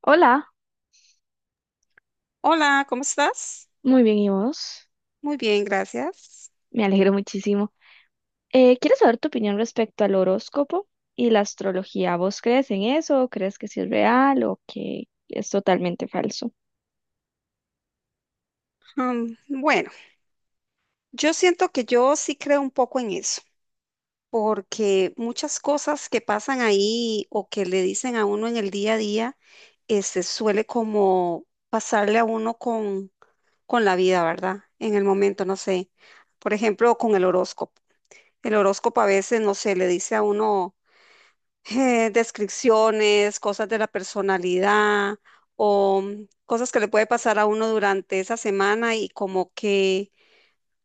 Hola, Hola, ¿cómo estás? muy bien, ¿y vos? Muy bien, gracias. Me alegro muchísimo. ¿Quieres saber tu opinión respecto al horóscopo y la astrología? ¿Vos crees en eso? ¿O crees que sí es real o que es totalmente falso? Bueno, yo siento que yo sí creo un poco en eso, porque muchas cosas que pasan ahí o que le dicen a uno en el día a día, este, suele como pasarle a uno con la vida, ¿verdad? En el momento, no sé. Por ejemplo, con el horóscopo. El horóscopo a veces, no sé, le dice a uno. Descripciones, cosas de la personalidad o cosas que le puede pasar a uno durante esa semana y como que,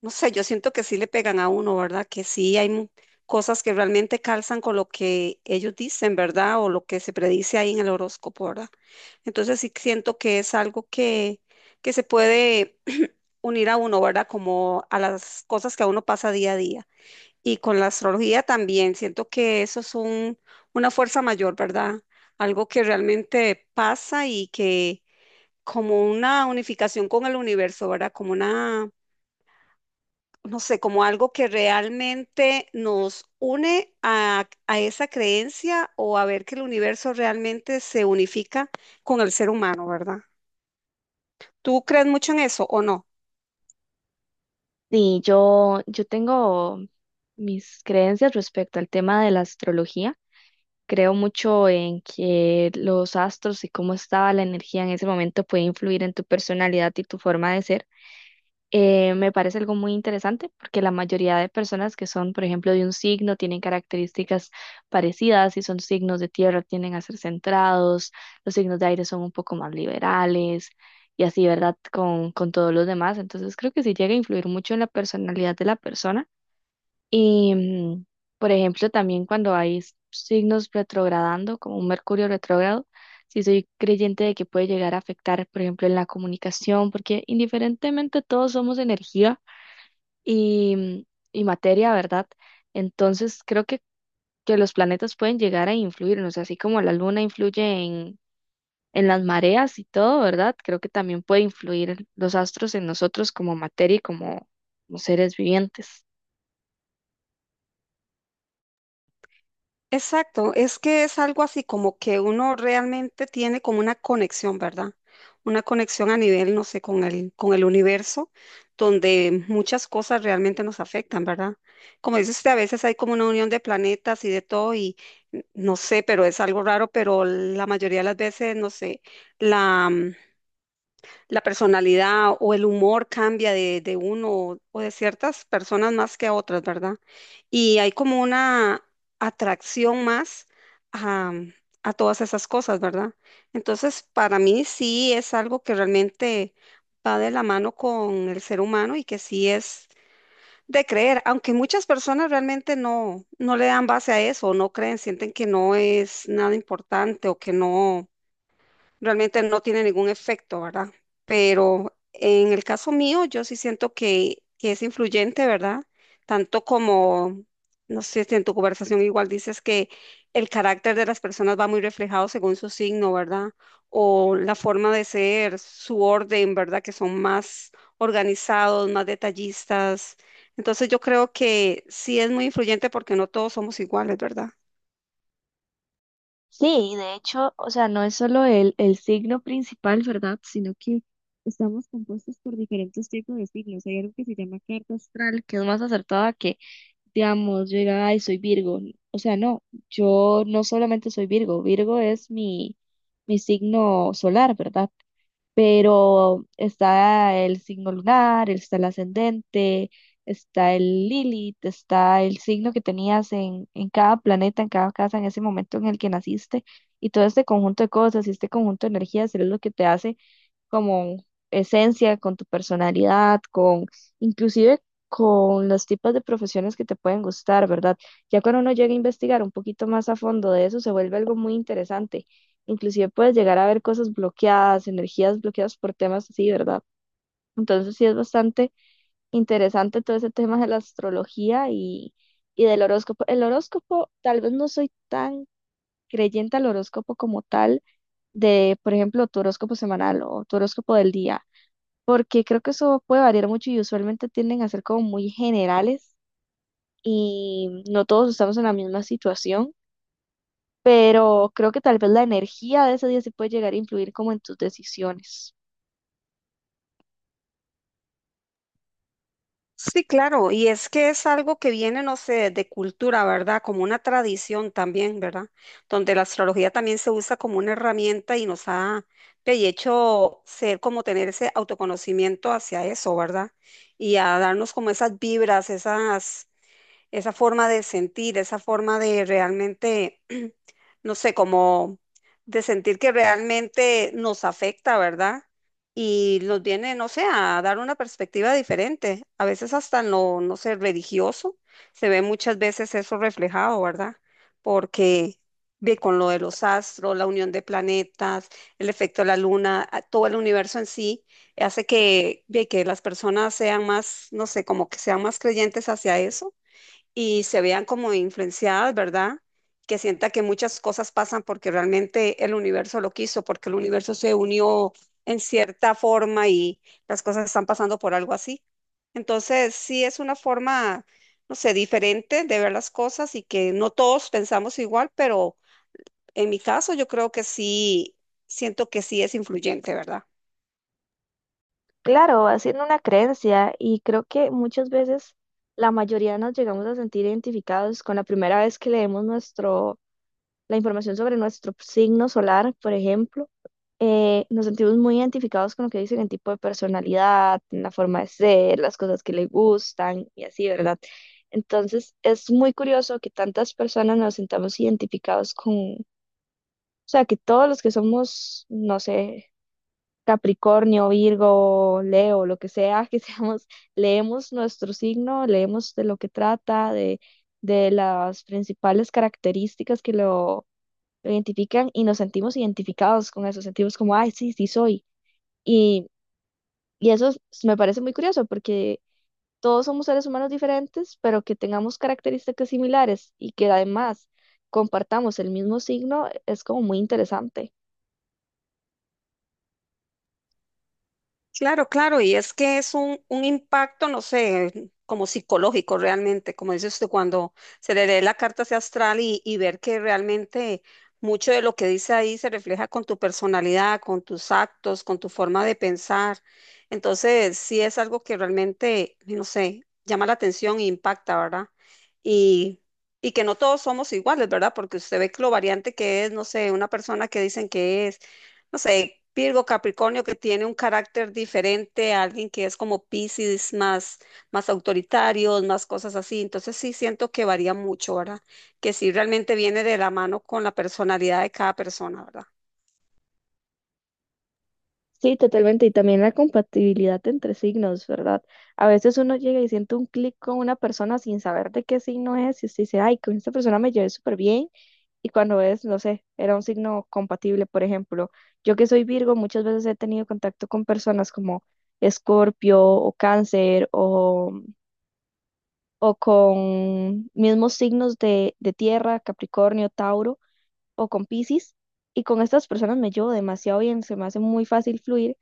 no sé, yo siento que sí le pegan a uno, ¿verdad? Que sí hay cosas que realmente calzan con lo que ellos dicen, ¿verdad? O lo que se predice ahí en el horóscopo, ¿verdad? Entonces sí siento que es algo que se puede unir a uno, ¿verdad? Como a las cosas que a uno pasa día a día. Y con la astrología también, siento que eso es una fuerza mayor, ¿verdad? Algo que realmente pasa y que como una unificación con el universo, ¿verdad? Como una, no sé, como algo que realmente nos une a esa creencia o a ver que el universo realmente se unifica con el ser humano, ¿verdad? ¿Tú crees mucho en eso o no? Sí, yo tengo mis creencias respecto al tema de la astrología. Creo mucho en que los astros y cómo estaba la energía en ese momento puede influir en tu personalidad y tu forma de ser. Me parece algo muy interesante porque la mayoría de personas que son, por ejemplo, de un signo tienen características parecidas. Si son signos de tierra, tienden a ser centrados. Los signos de aire son un poco más liberales y así, ¿verdad? Con todos los demás. Entonces, creo que sí llega a influir mucho en la personalidad de la persona. Y, por ejemplo, también cuando hay signos retrogradando, como un Mercurio retrógrado, sí soy creyente de que puede llegar a afectar, por ejemplo, en la comunicación, porque indiferentemente todos somos energía y, y materia, ¿verdad? Entonces, que los planetas pueden llegar a influirnos, así como la luna influye en las mareas y todo, ¿verdad? Creo que también puede influir los astros en nosotros como materia y como como seres vivientes. Exacto, es que es algo así como que uno realmente tiene como una conexión, ¿verdad? Una conexión a nivel, no sé, con con el universo, donde muchas cosas realmente nos afectan, ¿verdad? Como dice usted, a veces hay como una unión de planetas y de todo, y no sé, pero es algo raro, pero la mayoría de las veces, no sé, la personalidad o el humor cambia de uno o de ciertas personas más que a otras, ¿verdad? Y hay como una atracción más a, a todas esas cosas, ¿verdad? Entonces, para mí sí es algo que realmente va de la mano con el ser humano y que sí es de creer, aunque muchas personas realmente no le dan base a eso, no creen, sienten que no es nada importante o que no realmente no tiene ningún efecto, ¿verdad? Pero en el caso mío, yo sí siento que es influyente, ¿verdad? Tanto como, no sé si en tu conversación igual dices que el carácter de las personas va muy reflejado según su signo, ¿verdad? O la forma de ser, su orden, ¿verdad? Que son más organizados, más detallistas. Entonces yo creo que sí es muy influyente porque no todos somos iguales, ¿verdad? Sí, de hecho, o sea, no es solo el signo principal, ¿verdad? Sino que estamos compuestos por diferentes tipos de signos. Hay algo que se llama carta astral, que es más acertada que, digamos, yo diga, ay, soy Virgo. O sea, no, yo no solamente soy Virgo, Virgo es mi, mi signo solar, ¿verdad? Pero está el signo lunar, está el ascendente, está el Lilith, está el signo que tenías en cada planeta, en cada casa, en ese momento en el que naciste, y todo este conjunto de cosas y este conjunto de energías es lo que te hace esencia, con tu personalidad, con inclusive con los tipos de profesiones que te pueden gustar, ¿verdad? Ya cuando uno llega a investigar un poquito más a fondo de eso, se vuelve algo muy interesante. Inclusive puedes llegar a ver cosas bloqueadas, energías bloqueadas por temas así, ¿verdad? Entonces sí es bastante interesante todo ese tema de la astrología y del horóscopo. El horóscopo, tal vez no soy tan creyente al horóscopo como tal, de, por ejemplo, tu horóscopo semanal o tu horóscopo del día, porque creo que eso puede variar mucho y usualmente tienden a ser como muy generales y no todos estamos en la misma situación, pero creo que tal vez la energía de ese día sí puede llegar a influir como en tus decisiones. Sí, claro, y es que es algo que viene, no sé, de cultura, ¿verdad? Como una tradición también, ¿verdad? Donde la astrología también se usa como una herramienta y nos ha de hecho ser como tener ese autoconocimiento hacia eso, ¿verdad? Y a darnos como esas vibras, esa forma de sentir, esa forma de realmente, no sé, como de sentir que realmente nos afecta, ¿verdad? Y nos viene, no sé, a dar una perspectiva diferente. A veces hasta en lo, no sé, religioso, se ve muchas veces eso reflejado, ¿verdad? Porque ve con lo de los astros, la unión de planetas, el efecto de la luna, todo el universo en sí, hace que, ve que las personas sean más, no sé, como que sean más creyentes hacia eso y se vean como influenciadas, ¿verdad? Que sienta que muchas cosas pasan porque realmente el universo lo quiso, porque el universo se unió en cierta forma y las cosas están pasando por algo así. Entonces, sí es una forma, no sé, diferente de ver las cosas y que no todos pensamos igual, pero en mi caso yo creo que sí, siento que sí es influyente, ¿verdad? Claro, haciendo una creencia y creo que muchas veces la mayoría nos llegamos a sentir identificados con la primera vez que leemos nuestro la información sobre nuestro signo solar, por ejemplo, nos sentimos muy identificados con lo que dicen en tipo de personalidad, en la forma de ser, las cosas que le gustan y así, ¿verdad? Entonces, es muy curioso que tantas personas nos sintamos identificados con, o sea, que todos los que somos, no sé, Capricornio, Virgo, Leo, lo que sea, que seamos, leemos nuestro signo, leemos de lo que trata, de las principales características que lo identifican y nos sentimos identificados con eso, sentimos como, ay, sí, sí soy. Y, y eso es- me parece muy curioso porque todos somos seres humanos diferentes, pero que tengamos características similares y que además compartamos el mismo signo es como muy interesante. Claro, claro, y es que es un impacto, no sé, como psicológico realmente, como dice usted, cuando se le lee la carta hacia astral y ver que realmente mucho de lo que dice ahí se refleja con tu personalidad, con tus actos, con tu forma de pensar. Entonces, sí es algo que realmente, no sé, llama la atención e impacta, ¿verdad? Y, y que no todos somos iguales, ¿verdad? Porque usted ve que lo variante que es, no sé, una persona que dicen que es no sé, Virgo, Capricornio, que tiene un carácter diferente a alguien que es como Piscis, más, más autoritarios, más cosas así. Entonces sí siento que varía mucho, ¿verdad? Que sí realmente viene de la mano con la personalidad de cada persona, ¿verdad? Sí, totalmente. Y también la compatibilidad entre signos, ¿verdad? A veces uno llega y siente un clic con una persona sin saber de qué signo es y se dice, ay, con esta persona me llevé súper bien, y cuando es, no sé, era un signo compatible. Por ejemplo, yo que soy Virgo, muchas veces he tenido contacto con personas como Escorpio o Cáncer o con mismos signos de tierra, Capricornio, Tauro o con Piscis. Y con estas personas me llevo demasiado bien, se me hace muy fácil fluir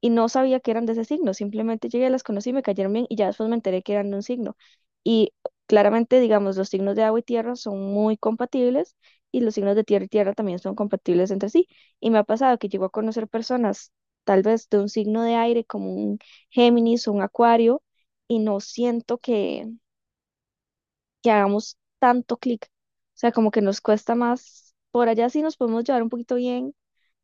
y no sabía que eran de ese signo, simplemente llegué, las conocí, me cayeron bien y ya después me enteré que eran de un signo. Y claramente, digamos, los signos de agua y tierra son muy compatibles y los signos de tierra y tierra también son compatibles entre sí. Y me ha pasado que llego a conocer personas tal vez de un signo de aire como un Géminis o un Acuario y no siento que hagamos tanto clic. O sea, como que nos cuesta más. Por allá sí nos podemos llevar un poquito bien,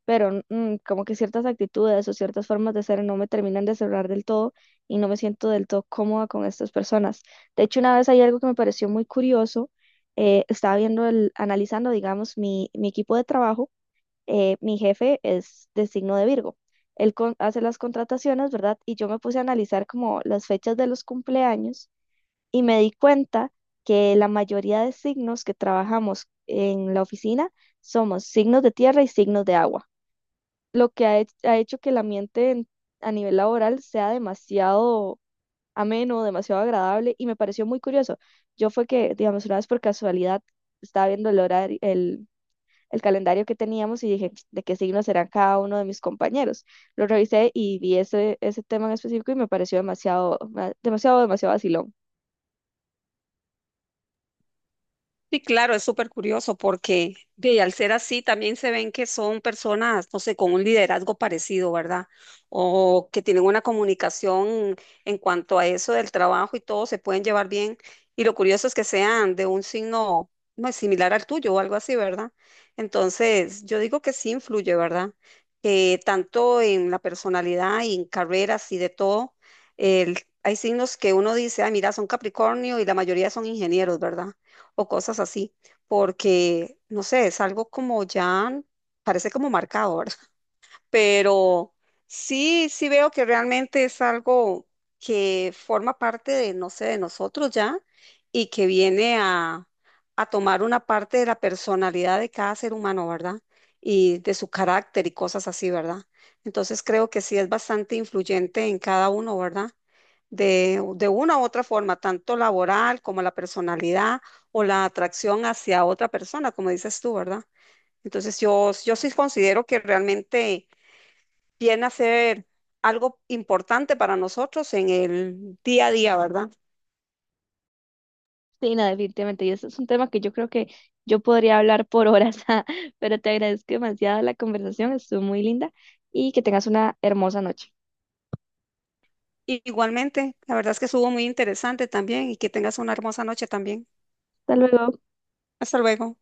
pero como que ciertas actitudes o ciertas formas de ser no me terminan de cerrar del todo y no me siento del todo cómoda con estas personas. De hecho, una vez hay algo que me pareció muy curioso, estaba viendo, analizando, digamos, mi equipo de trabajo. Mi jefe es de signo de Virgo. Hace las contrataciones, ¿verdad? Y yo me puse a analizar como las fechas de los cumpleaños y me di cuenta que la mayoría de signos que trabajamos en la oficina somos signos de tierra y signos de agua, lo que ha hecho que el ambiente a nivel laboral sea demasiado ameno, demasiado agradable y me pareció muy curioso. Yo fue que, digamos, una vez por casualidad estaba viendo el horario, el calendario que teníamos y dije, ¿de qué signo serán cada uno de mis compañeros? Lo revisé y vi ese, ese tema en específico y me pareció demasiado, demasiado vacilón. Sí, claro, es súper curioso porque ve, al ser así también se ven que son personas, no sé, con un liderazgo parecido, ¿verdad? O que tienen una comunicación en cuanto a eso del trabajo y todo, se pueden llevar bien. Y lo curioso es que sean de un signo no, similar al tuyo o algo así, ¿verdad? Entonces, yo digo que sí influye, ¿verdad? Que tanto en la personalidad y en carreras y de todo, el- hay signos que uno dice, ah, mira, son Capricornio y la mayoría son ingenieros, ¿verdad? O cosas así, porque, no sé, es algo como ya, parece como marcador pero sí veo que realmente es algo que forma parte de, no sé, de nosotros ya y que viene a tomar una parte de la personalidad de cada ser humano, ¿verdad? Y de su carácter y cosas así, ¿verdad? Entonces creo que sí es bastante influyente en cada uno, ¿verdad? De una u otra forma, tanto laboral como la personalidad o la atracción hacia otra persona, como dices tú, ¿verdad? Entonces yo sí considero que realmente viene a ser algo importante para nosotros en el día a día, ¿verdad? Sí, no, definitivamente. Y ese es un tema que yo creo que yo podría hablar por horas, pero te agradezco demasiado la conversación, estuvo muy linda y que tengas una hermosa noche. Igualmente, la verdad es que estuvo muy interesante también y que tengas una hermosa noche también. Hasta luego. Hasta luego.